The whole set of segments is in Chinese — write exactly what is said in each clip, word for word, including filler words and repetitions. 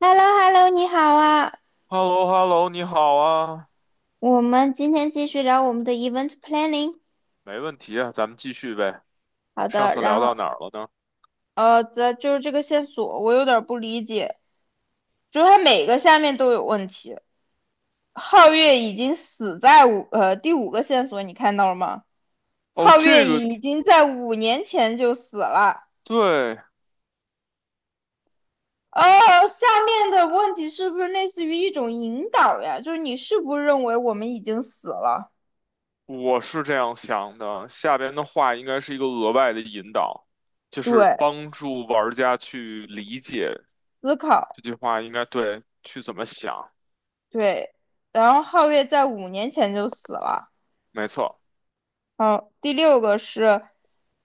h e l l o h e l l o 你好啊！h e l l o h e l l o 你好啊，我们今天继续聊我们的 event planning。没问题啊，咱们继续呗。好上的，次聊然到后哪儿了呢？呃，这就是这个线索，我有点儿不理解，就是它每个下面都有问题。皓月已经死在五呃第五个线索，你看到了吗？哦，皓月这个，已经在五年前就死了。对，哦，下面的问题是不是类似于一种引导呀？就是你是不是认为我们已经死了？我是这样想的，下边的话应该是一个额外的引导，就是对，帮助玩家去理解思考，这句话应该对，去怎么想。对，然后皓月在五年前就死了。没错，好，第六个是，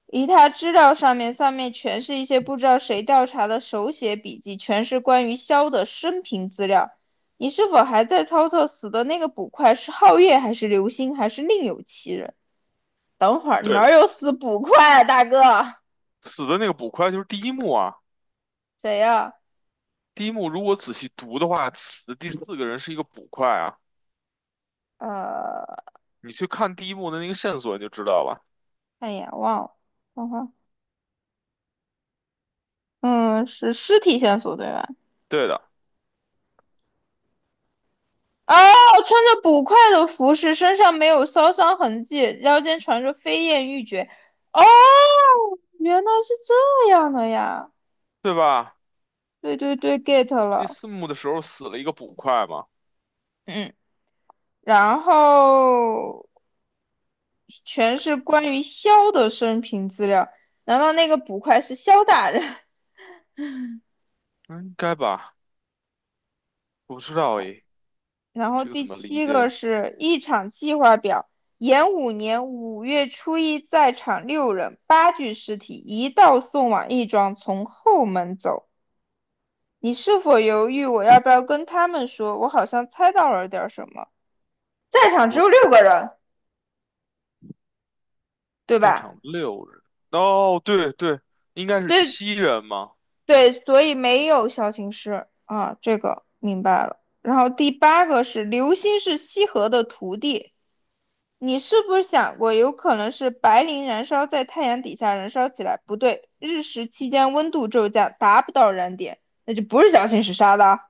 以他资料上面上面全是一些不知道谁调查的手写笔记，全是关于肖的生平资料。你是否还在操作死的那个捕快是皓月还是流星还是另有其人？等会儿对哪的，有死捕快啊，大哥？死的那个捕快就是第一幕啊。谁呀、第一幕如果仔细读的话，死的第四个人是一个捕快啊。啊呃，你去看第一幕的那个线索，你就知道了。哎呀，忘了，等会嗯，是尸体线索对吧？对的，哦，穿着捕快的服饰，身上没有烧伤痕迹，腰间缠着飞燕玉珏。哦，原来是这样的呀！对吧？对对对，get 第了。四幕的时候死了一个捕快嘛。嗯，然后全是关于萧的生平资料。难道那个捕快是萧大人？嗯应该吧？我不知道诶，然后这个第怎么理七个解？是一场计划表。延五年五月初一，在场六人，八具尸体，一道送往义庄，从后门走。你是否犹豫我要不要跟他们说？我好像猜到了点什么。在场只我有六个人，对在吧？场六人，哦，对对，应该是对七人嘛。对，所以没有小情师啊，这个明白了。然后第八个是流星是西河的徒弟，你是不是想过有可能是白磷燃烧在太阳底下燃烧起来？不对，日食期间温度骤降，达不到燃点，那就不是小情师杀的啊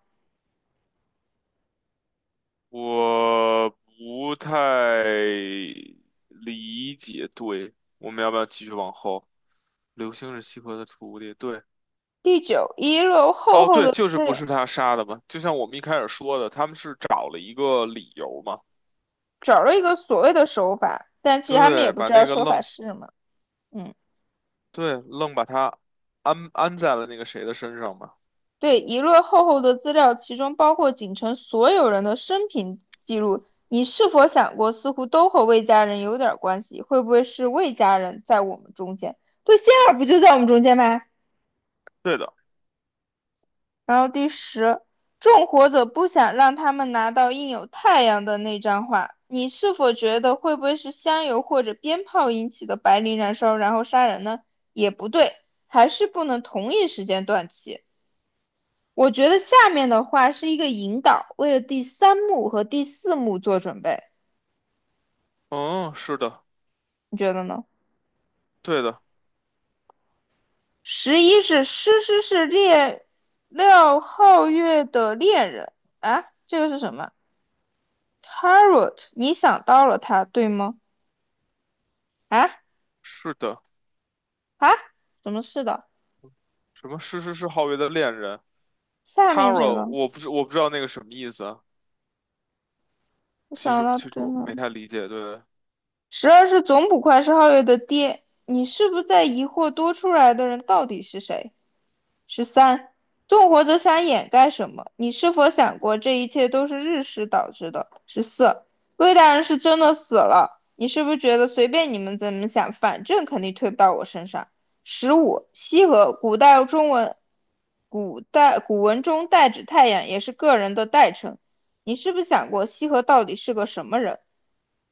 我不太理解。对，我们要不要继续往后？刘星是西河的徒弟，对。第九，遗留厚哦厚对，的就是资不料。是他杀的嘛？就像我们一开始说的，他们是找了一个理由嘛，找了一个所谓的手法，但其实他们也对，不把知道那个手愣，法是什么。嗯，对，愣把他安安在了那个谁的身上嘛。对，一摞厚厚的资料，其中包括景城所有人的生平记录。你是否想过，似乎都和魏家人有点关系？会不会是魏家人在我们中间？对，仙儿不就在我们中间吗？对的，然后第十，纵火者不想让他们拿到印有太阳的那张画。你是否觉得会不会是香油或者鞭炮引起的白磷燃烧，然后杀人呢？也不对，还是不能同一时间断气。我觉得下面的话是一个引导，为了第三幕和第四幕做准备，嗯，是的，你觉得呢？对的，十一是诗诗是猎廖皓月的恋人啊，这个是什么？Tarot，你想到了他，对吗？啊是的，啊，怎么是的？什么是是是皓月的恋人下面这，Taro，个，我不知我不知道那个什么意思啊。我其想实到其实对我吗？没太理解，对。十二是总捕快是皓月的爹，你是不是在疑惑多出来的人到底是谁？十三，纵火者想掩盖什么？你是否想过这一切都是日食导致的？十四，魏大人是真的死了，你是不是觉得随便你们怎么想，反正肯定推不到我身上？十五，羲和，古代中文，古代古文中代指太阳，也是个人的代称。你是不是想过羲和到底是个什么人？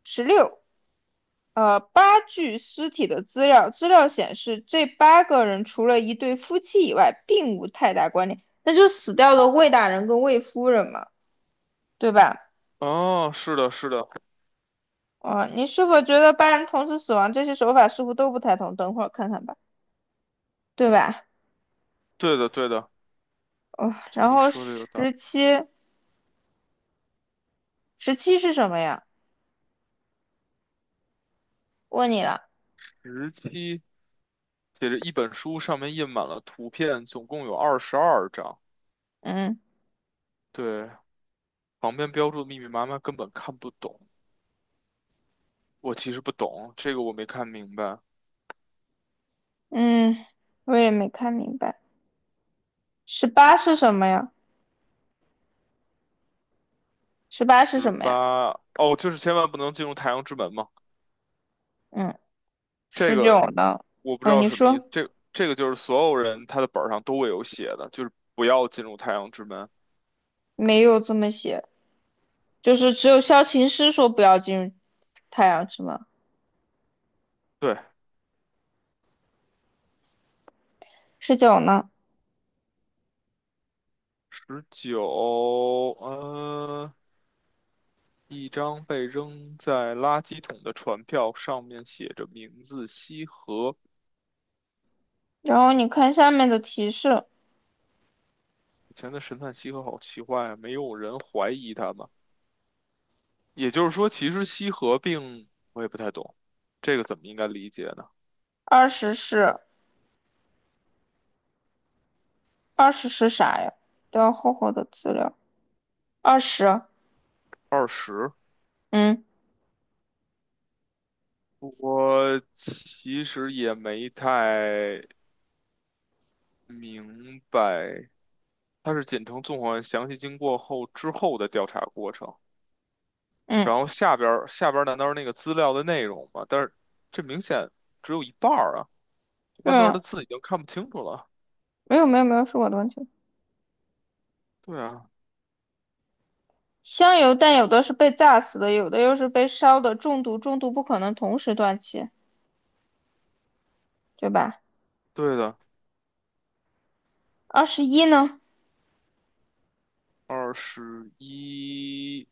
十六，呃，八具尸体的资料，资料显示这八个人除了一对夫妻以外，并无太大关联。那就死掉的魏大人跟魏夫人嘛，对吧？哦，是的，是的，哦，呃你是否觉得八人同时死亡这些手法似乎都不太同？等会儿看看吧，对吧？对的，对的，哦，就然你后说的有道理。十七，十七是什么呀？问你了，十七写着一本书，上面印满了图片，总共有二十二张，嗯对，旁边标注的密密麻麻，根本看不懂。我其实不懂，这个我没看明白。嗯，我也没看明白。十八是什么呀？十八是十什么呀？八，哦，就是千万不能进入太阳之门嘛。嗯，这十个九呢？我不知嗯，道你什么意思，说这这个就是所有人他的本儿上都会有写的，就是不要进入太阳之门。没有这么写。就是只有萧琴师说不要进入太阳之门。对。十九呢？十九，呃，一张被扔在垃圾桶的船票，上面写着名字西河。然后你看下面的提示，以前的神探西河好奇怪啊，没有人怀疑他吗？也就是说，其实西河并我也不太懂，这个怎么应该理解呢？二十是二十是啥呀？都要厚厚的资料。二十，二十，嗯我其实也没太明白，它是简称纵火案详细经过后之后的调查过程，嗯然后下边儿下边儿难道是那个资料的内容吗？但是这明显只有一半儿啊，后半段儿嗯，的字已经看不清楚了。没有没有没有，是我的问题。对啊，香油但有的是被炸死的，有的又是被烧的中毒，中毒不可能同时断气，对吧？对的。二十一呢？二十一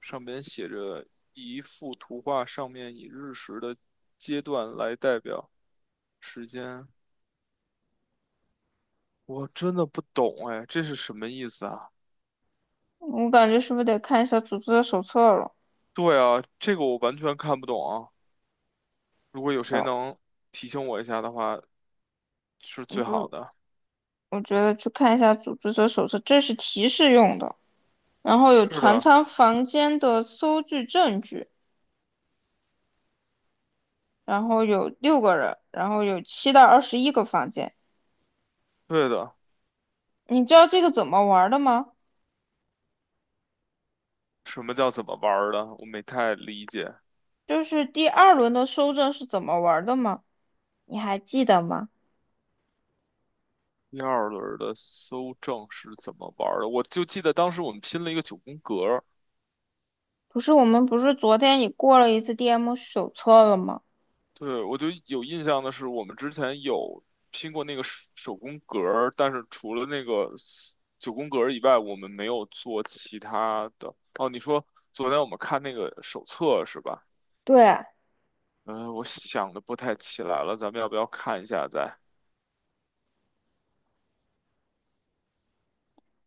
上边写着一幅图画，上面以日食的阶段来代表时间。我真的不懂哎，这是什么意思啊？我感觉是不是得看一下组织者手册了？对啊，这个我完全看不懂啊。如果有谁哦，能提醒我一下的话，是最好不，的。我觉得去看一下组织者手册，这是提示用的。然后有是船的，舱房间的搜据证据，然后有六个人，然后有七到二十一个房间。对的。你知道这个怎么玩的吗？什么叫怎么玩儿的？我没太理解。就是第二轮的搜证是怎么玩的吗？你还记得吗？第二轮的搜证是怎么玩儿的？我就记得当时我们拼了一个九宫格儿。不是我们不是昨天你过了一次 D M 手册了吗？对，我就有印象的是，我们之前有拼过那个手手工格儿，但是除了那个 s- 九宫格儿以外，我们没有做其他的。哦，你说昨天我们看那个手册是吧？对，嗯，我想的不太起来了，咱们要不要看一下再？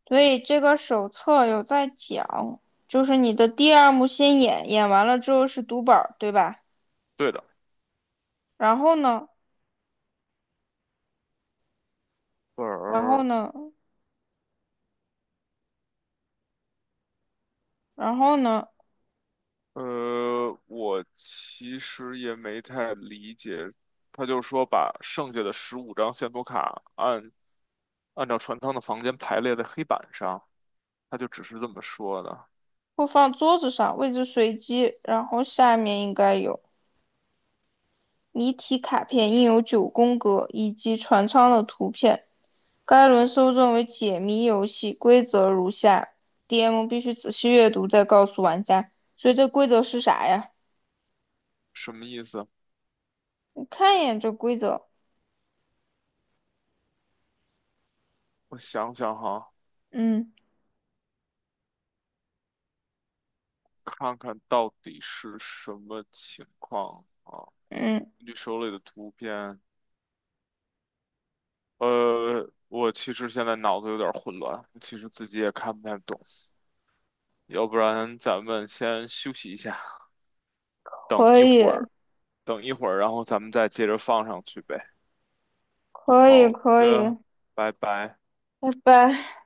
所以这个手册有在讲，就是你的第二幕先演，演完了之后是读本对吧？对的。然后呢，本然后儿，呢，然后呢，呃，我其实也没太理解，他就说把剩下的十五张线索卡按按照船舱的房间排列在黑板上，他就只是这么说的。或放桌子上，位置随机，然后下面应该有谜题卡片，印有九宫格以及船舱的图片。该轮搜证为解谜游戏，规则如下：D M 必须仔细阅读再告诉玩家。所以这规则是啥呀？什么意思？你看一眼这规则，我想想哈，嗯看看到底是什么情况啊？嗯，根据手里的图片，呃，我其实现在脑子有点混乱，其实自己也看不太懂，要不然咱们先休息一下，等可一以会儿。等一会儿，然后咱们再接着放上去呗。可以好可以，的，拜拜。拜拜。